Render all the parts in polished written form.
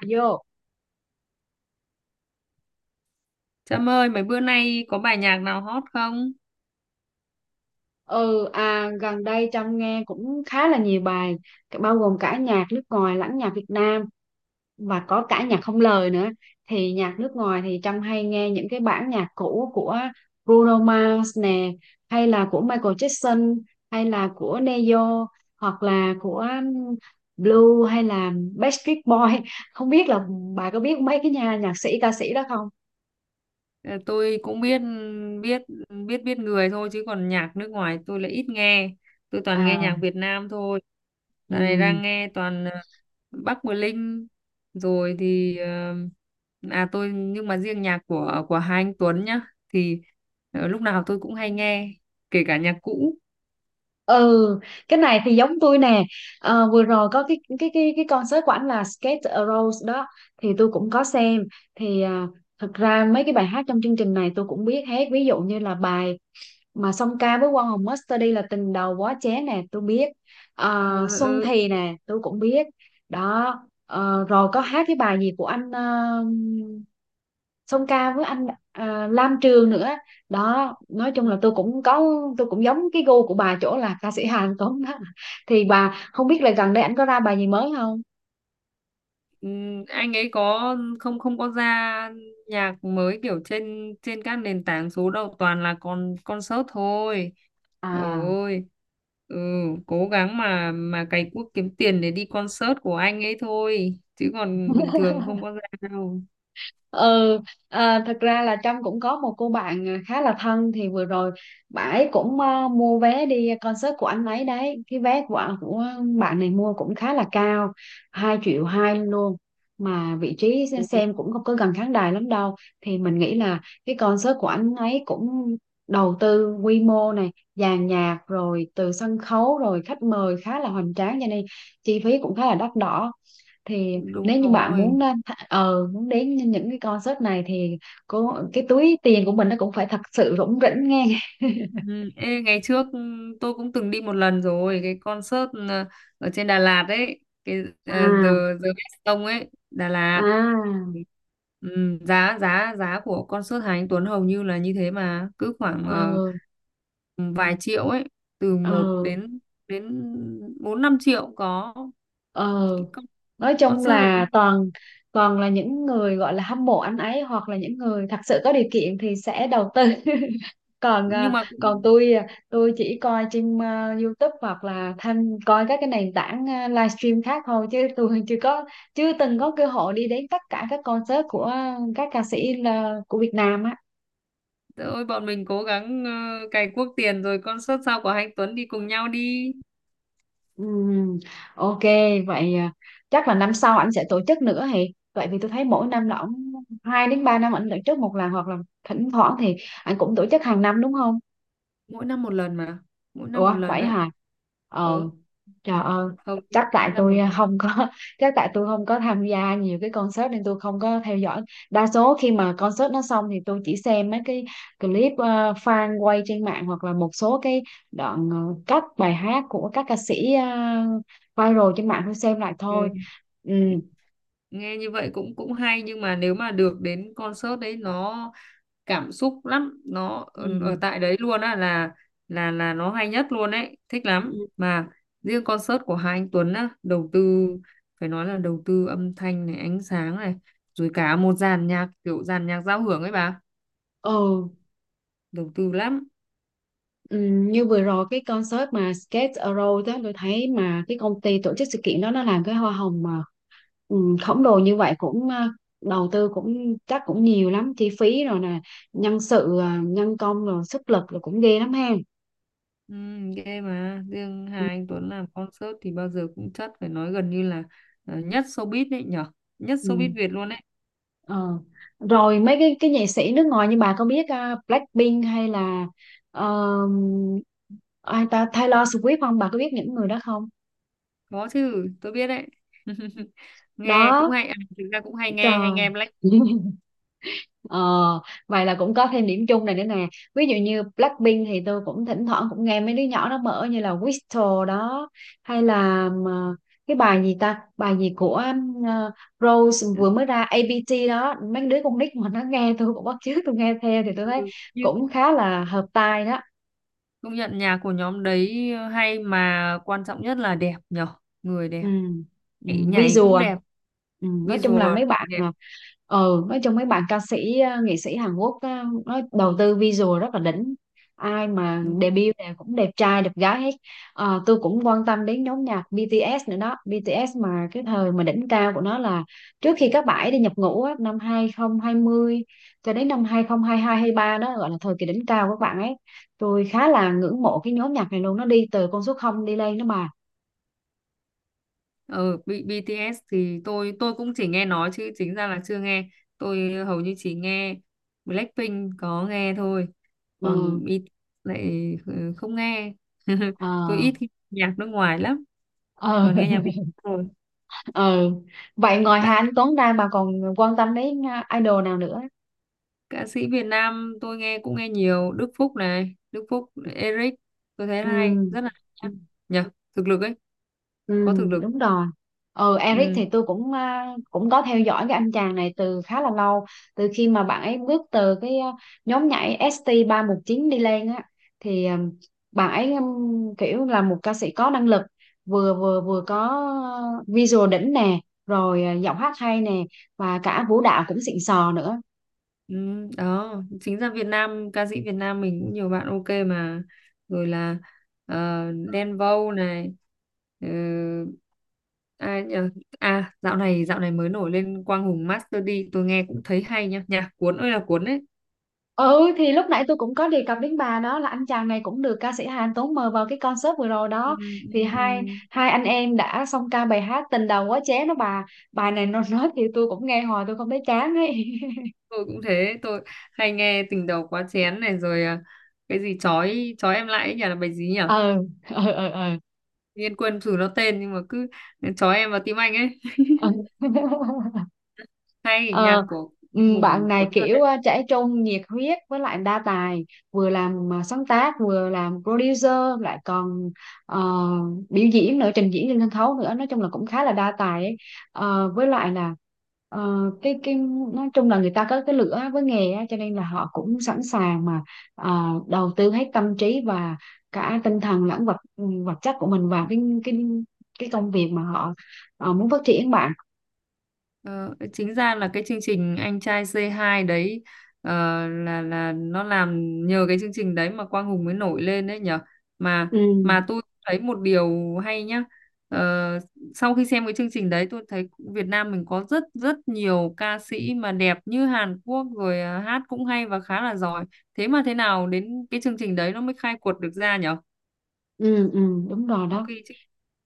Vô. Trâm ơi, mấy bữa nay có bài nhạc nào hot không? Gần đây Trâm nghe cũng khá là nhiều bài, bao gồm cả nhạc nước ngoài lẫn nhạc Việt Nam, và có cả nhạc không lời nữa. Thì nhạc nước ngoài thì Trâm hay nghe những cái bản nhạc cũ của Bruno Mars nè, hay là của Michael Jackson, hay là của Neo, hoặc là của Blue hay là Backstreet Boy. Không biết là bà có biết mấy cái nhà nhạc sĩ ca sĩ đó không? Ờ, Tôi cũng biết biết biết biết người thôi, chứ còn nhạc nước ngoài tôi lại ít nghe. Tôi toàn nghe À, nhạc Việt Nam thôi. ừ. Dạo này đang nghe toàn Bắc Bờ Linh, rồi thì ờ, à tôi nhưng mà riêng nhạc của hai anh Tuấn nhá, thì lúc nào tôi cũng hay nghe, kể cả nhạc cũ. Ừ, cái này thì giống tôi nè. Ờ, vừa rồi có cái concert của ảnh là Skate a Rose đó, thì tôi cũng có xem. Thì thật ra mấy cái bài hát trong chương trình này tôi cũng biết hết, ví dụ như là bài mà song ca với Quang Hùng Masterdy là Tình Đầu Quá Chén nè, tôi biết. Ờ. Ờ, Xuân Ừ. Thì nè tôi cũng biết đó. Ờ, rồi có hát cái bài gì của anh, song ca với anh Lam Trường nữa đó. Nói chung là tôi cũng có, tôi cũng giống cái gu của bà chỗ là ca sĩ Hàn Tuấn đó, thì bà không biết là gần đây anh có ra bài gì mới không? Ừ, anh ấy không không có ra nhạc mới kiểu trên trên các nền tảng số đâu, toàn là concert thôi. À, Ôi. Ừ, cố gắng mà cày cuốc kiếm tiền để đi concert của anh ấy thôi, chứ còn bình thường không có ra đâu. ừ. Thật ra là Trâm cũng có một cô bạn khá là thân, thì vừa rồi bà ấy cũng mua vé đi concert của anh ấy đấy. Cái vé của bạn này mua cũng khá là cao, 2,2 triệu luôn, mà vị trí xem cũng không có gần khán đài lắm đâu. Thì mình nghĩ là cái concert của anh ấy cũng đầu tư quy mô, này dàn nhạc rồi, từ sân khấu rồi khách mời khá là hoành tráng, cho nên chi phí cũng khá là đắt đỏ. Thì Đúng nếu như bạn rồi. muốn lên tha- ờ muốn đến những cái concert này thì cái túi tiền của mình nó cũng phải thật sự rủng rỉnh nghe. Ừ. Ê, ngày trước tôi cũng từng đi một lần rồi, cái concert ở trên Đà Lạt ấy, cái À. giờ giờ Best ấy, Đà Lạt. À. Ừ, giá giá giá của concert Hà Anh Tuấn hầu như là như thế, mà cứ khoảng Ờ. vài triệu ấy, từ Ờ. một đến đến 4 5 triệu có. Ờ, Cái nói chung concert rồi đi, là toàn, toàn là những người gọi là hâm mộ anh ấy, hoặc là những người thật sự có điều kiện thì sẽ đầu tư. Còn nhưng mà còn cũng- tôi tôi chỉ coi trên YouTube, hoặc là tham coi các cái nền tảng livestream khác thôi, chứ tôi chưa có, chưa từng có cơ hội đi đến tất cả các concert của các ca sĩ là, của Việt Nam á. Trời ơi, bọn mình cố gắng cày cuốc tiền rồi concert sau của Hà Anh Tuấn đi cùng nhau đi. Ừm, ok. Vậy chắc là năm sau anh sẽ tổ chức nữa hì. Vậy vì tôi thấy mỗi năm là ông, hai đến ba năm anh tổ chức một lần, hoặc là thỉnh thoảng thì anh cũng tổ chức hàng năm, đúng không? Mỗi năm một lần mà. Mỗi năm một Ủa lần vậy đấy. hả? Ờ, Ừ, trời ơi. hầu như Chắc tại mỗi năm một tôi lần. không có. Chắc tại tôi không có tham gia nhiều cái concert nên tôi không có theo dõi. Đa số khi mà concert nó xong thì tôi chỉ xem mấy cái clip fan quay trên mạng, hoặc là một số cái đoạn cắt bài hát của các ca sĩ viral trên mạng, tôi xem lại Ừ. thôi. Ừ. nghe nghe như vậy cũng cũng hay, nhưng mà nếu mà được đến concert đấy nó cảm xúc lắm, nó Ừ. ở ở tại đấy luôn á, là nó hay nhất luôn đấy, thích lắm mà. Riêng concert của hai anh Tuấn á đầu tư, phải nói là đầu tư âm thanh này, ánh sáng này, rồi cả một dàn nhạc kiểu dàn nhạc giao hưởng ấy bà, Ừ. đầu tư lắm. Ừ, như vừa rồi cái concert mà Skate Around đó, tôi thấy mà cái công ty tổ chức sự kiện đó nó làm cái hoa hồng mà khổng lồ như vậy, cũng đầu tư cũng chắc cũng nhiều lắm chi phí rồi nè, nhân sự nhân công rồi sức lực rồi cũng ghê lắm ha. Ừ, ghê. Mà riêng Hà Anh Tuấn làm concert thì bao giờ cũng chất, phải nói gần như là nhất showbiz đấy nhở, nhất ừ, showbiz Việt luôn đấy. ờ. Rồi mấy cái nghệ sĩ nước ngoài, như bà có biết Blackpink hay là ờ, ai ta, Taylor Swift không, bà có biết những người đó không? Có chứ, tôi biết đấy. Nghe cũng Đó. hay à, thực ra cũng hay nghe hay Trời. nghe Blackpink. Ờ, vậy là cũng có thêm điểm chung này nữa nè. Ví dụ như Blackpink thì tôi cũng thỉnh thoảng cũng nghe mấy đứa nhỏ nó mở như là Whistle đó, hay là mà cái bài gì ta, bài gì của ờ, Rose vừa mới ra ABT đó, mấy đứa con nít mà nó nghe tôi cũng bắt chước tôi nghe theo, thì tôi thấy Ừ, nhưng cũng khá là hợp tai đó. công nhận nhạc của nhóm đấy hay, mà quan trọng nhất là đẹp nhở. Người đẹp. Ừ, ừ, Nhảy visual cũng à? đẹp. Ừ, nói chung là Visual mấy bạn đẹp. à, nói chung mấy bạn ca sĩ nghệ sĩ Hàn Quốc nó đầu tư visual rất là đỉnh, ai mà Ừ. debut này cũng đẹp trai đẹp gái hết. Ờ, tôi cũng quan tâm đến nhóm nhạc BTS nữa đó. BTS mà cái thời mà đỉnh cao của nó là trước khi các bạn ấy đi nhập ngũ á, năm 2020 cho đến năm hai không hai hai, không hai ba đó, gọi là thời kỳ đỉnh cao của các bạn ấy. Tôi khá là ngưỡng mộ cái nhóm nhạc này luôn, nó đi từ con số không đi lên đó mà. Ừ. BTS thì tôi cũng chỉ nghe nói chứ chính ra là chưa nghe. Tôi hầu như chỉ nghe Blackpink, có nghe thôi. ừ, Còn B lại, không nghe. Tôi ờ. ít khi nghe nhạc nước ngoài lắm, ờ còn nghe nhạc Việt Nam rồi. ờ Vậy ngoài Hà Các Anh Tuấn ra bà còn quan tâm đến idol nào nữa? ca sĩ Việt Nam tôi nghe cũng nghe nhiều, Đức Phúc này, Đức Phúc, Eric, tôi thấy hay, Ừ. rất là hay nhá. Nhờ, thực lực ấy, Ừ, có thực lực. đúng rồi. Ừ, Eric Ừ. thì tôi cũng cũng có theo dõi cái anh chàng này từ khá là lâu, từ khi mà bạn ấy bước từ cái nhóm nhảy ST319 đi lên á. Thì bạn ấy kiểu là một ca sĩ có năng lực, vừa vừa vừa có visual đỉnh nè, rồi giọng hát hay nè, và cả vũ đạo cũng xịn sò nữa. Ừ, đó. Chính ra Việt Nam, ca sĩ Việt Nam mình cũng nhiều bạn ok mà, rồi là ờ, Đen Vâu này, ờ, ai nhờ. À, dạo này mới nổi lên Quang Hùng Master D, tôi nghe cũng thấy hay nhá, nhạc cuốn ơi là cuốn đấy. Ừ, thì lúc nãy tôi cũng có đề cập đến bà đó, là anh chàng này cũng được ca sĩ Hà Tuấn mời vào cái concert vừa rồi Ừ, đó. ừ, Thì hai ừ. hai anh em đã song ca bài hát Tình Đầu Quá Chén đó bà. Bài này nó nói thì tôi cũng nghe hoài tôi không thấy chán ấy. Tôi cũng thế, tôi hay nghe tình đầu quá chén này, rồi cái gì chói chói em lại ấy nhỉ, là bài gì nhỉ? ừ ừ ừ ừ, Nhiên quên thử nó tên, nhưng mà cứ chói em vào tim anh ấy. ừ. Hay Ờ, nhạc của Quang bạn Hùng này cuốn thật. kiểu trẻ trung, nhiệt huyết, với lại đa tài, vừa làm sáng tác, vừa làm producer, lại còn ờ, biểu diễn nữa, trình diễn trên sân khấu nữa, nói chung là cũng khá là đa tài ấy. Ờ, với lại là ờ, cái nói chung là người ta có cái lửa với nghề á, cho nên là họ cũng sẵn sàng mà ờ, đầu tư hết tâm trí và cả tinh thần lẫn vật chất của mình vào cái công việc mà họ muốn phát triển bạn. Ờ, Chính ra là cái chương trình Anh trai C2 đấy, ờ, là nó làm, nhờ cái chương trình đấy mà Quang Hùng mới nổi lên đấy nhở. mà Ừ. mà tôi thấy một điều hay nhá. Ờ, Sau khi xem cái chương trình đấy tôi thấy Việt Nam mình có rất rất nhiều ca sĩ mà đẹp như Hàn Quốc, rồi hát cũng hay và khá là giỏi, thế mà thế nào đến cái chương trình đấy nó mới khai quật được ra nhở. Ừ. Ừ, đúng rồi Trong đó. khi trước,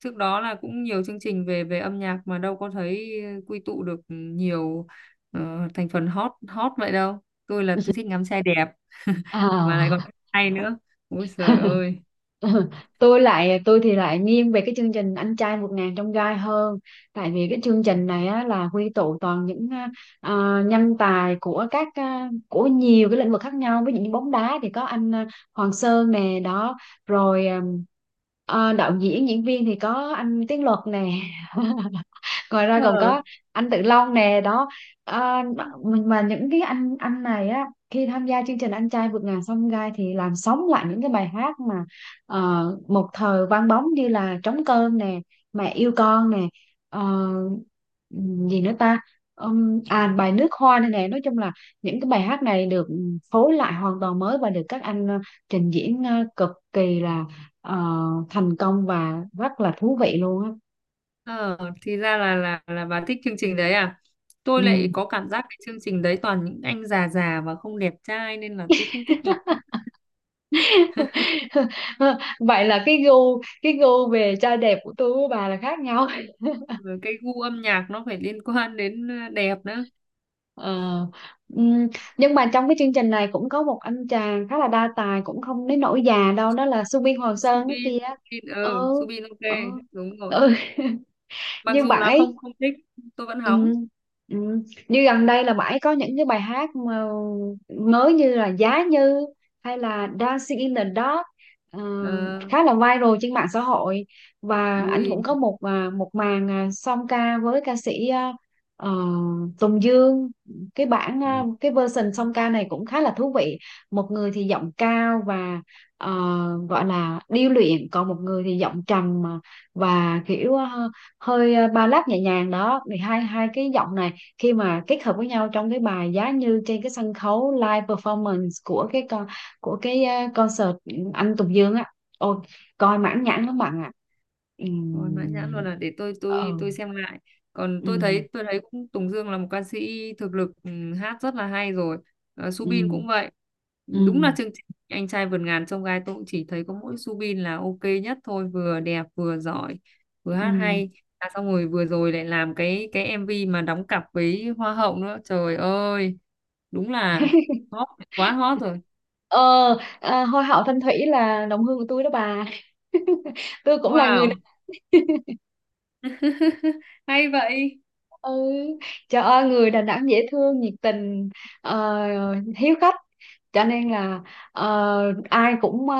trước đó là cũng nhiều chương trình về về âm nhạc, mà đâu có thấy quy tụ được nhiều thành phần hot hot vậy đâu. Tôi là tôi thích ngắm trai đẹp. Mà lại còn À. hay nữa, ôi trời ơi. Ừ, tôi lại, tôi thì lại nghiêng về cái chương trình Anh Trai Một Ngàn Trong Gai hơn, tại vì cái chương trình này á, là quy tụ toàn những nhân tài của của nhiều cái lĩnh vực khác nhau, ví dụ như bóng đá thì có anh Hoàng Sơn nè đó, rồi đạo diễn diễn viên thì có anh Tiến Luật nè. Ngoài ra còn ờ có anh Tự Long nè đó. à, mà mà những cái anh này á, khi tham gia chương trình Anh Trai Vượt Ngàn Chông Gai thì làm sống lại những cái bài hát mà một thời vang bóng, như là Trống Cơm nè, Mẹ Yêu Con nè, ờ, gì nữa ta, à bài Nước Hoa này nè. Nói chung là những cái bài hát này được phối lại hoàn toàn mới, và được các anh trình diễn cực kỳ là ờ, thành công và rất là thú vị luôn á. ờ thì ra là bà thích chương trình đấy à. Tôi Ừ. lại có cảm giác cái chương trình đấy toàn những anh già già và không đẹp trai, nên là tôi không thích lắm. Vậy là cái gu về trai đẹp của tôi với bà là khác nhau. Rồi cái gu âm nhạc nó phải liên quan đến đẹp nữa. Ờ, ừm, nhưng mà trong cái chương trình này cũng có một anh chàng khá là đa tài, cũng không đến nỗi già đâu, đó là Subin Hoàng Sơn đó Subin. kia. Subin, ừ ừ Subin ok. ừ Đúng rồi. ừ Mặc Như dù bạn là ấy. không không thích, tôi vẫn hóng. Ừ, ừ. Như gần đây là bạn ấy có những cái bài hát mà mới như là Giá Như, hay là Dancing in the Dark, ờ, Ờ, khá là viral trên mạng xã hội. Và anh cũng vui. có một một màn song ca với ca sĩ ờ, Tùng Dương. Ừ, Cái version song ca này cũng khá là thú vị. Một người thì giọng cao và ờ, gọi là điêu luyện, còn một người thì giọng trầm mà, và kiểu ba lát nhẹ nhàng đó. Thì hai hai cái giọng này khi mà kết hợp với nhau trong cái bài Giá Như, trên cái sân khấu live performance của cái con của cái ờ, concert anh Tùng Dương á, ôi, coi mãn nhãn lắm bạn ạ. rồi mãn nhãn luôn, Ừm, là để tôi tôi ừ tôi xem lại. Còn ừ tôi thấy cũng Tùng Dương là một ca sĩ thực lực, hát rất là hay rồi. Ờ, ừ Subin cũng vậy. Đúng là ừm, chương trình anh trai vượt ngàn chông gai tôi cũng chỉ thấy có mỗi Subin là ok nhất thôi, vừa đẹp vừa giỏi, vừa hát ừm. hay. Xong rồi vừa rồi lại làm cái MV mà đóng cặp với Hoa hậu nữa, trời ơi, đúng là hot, quá hot rồi. ờ À, hoa hậu Thanh Thủy là đồng hương của tôi đó bà. Tôi cũng là người. Wow. Hay vậy. Ừ, trời ơi, người Đà Nẵng dễ thương, nhiệt tình, hiếu khách, cho nên là ờ, ai cũng, ờ,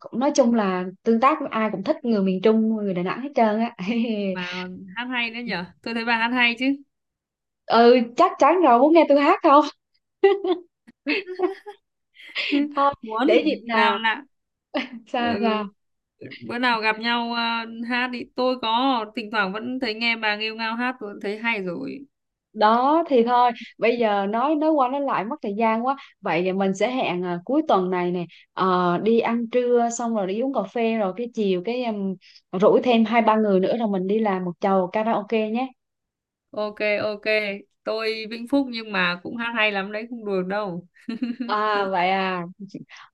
cũng nói chung là tương tác với ai cũng thích, người miền Trung người Đà Nẵng hết trơn á. Mà còn hát hay nữa nhở, tôi thấy bà hát hay chứ. Ừ, chắc chắn rồi, muốn nghe tôi hát không? Thôi, Muốn. để dịp Nào nào. lạ. Ừ. Sao sao Bữa nào gặp nhau hát đi, tôi có thỉnh thoảng vẫn thấy nghe bà nghêu ngao hát tôi thấy hay rồi. đó thì thôi. Bây giờ nói qua nói lại mất thời gian quá, vậy thì mình sẽ hẹn cuối tuần này nè. Ờ, đi ăn trưa xong rồi đi uống cà phê, rồi cái chiều cái rủ thêm 2 3 người nữa rồi mình đi làm một chầu karaoke nhé. Ok. Ok. Tôi Vĩnh Phúc nhưng mà cũng hát hay lắm đấy, không đùa đâu. À vậy à.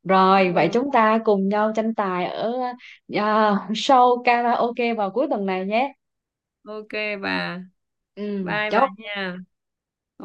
Rồi vậy Ừ. chúng ta cùng nhau tranh tài ở show karaoke vào cuối tuần này nhé. Ok bà. Ừ, Bye bà chốt. nha. Ok.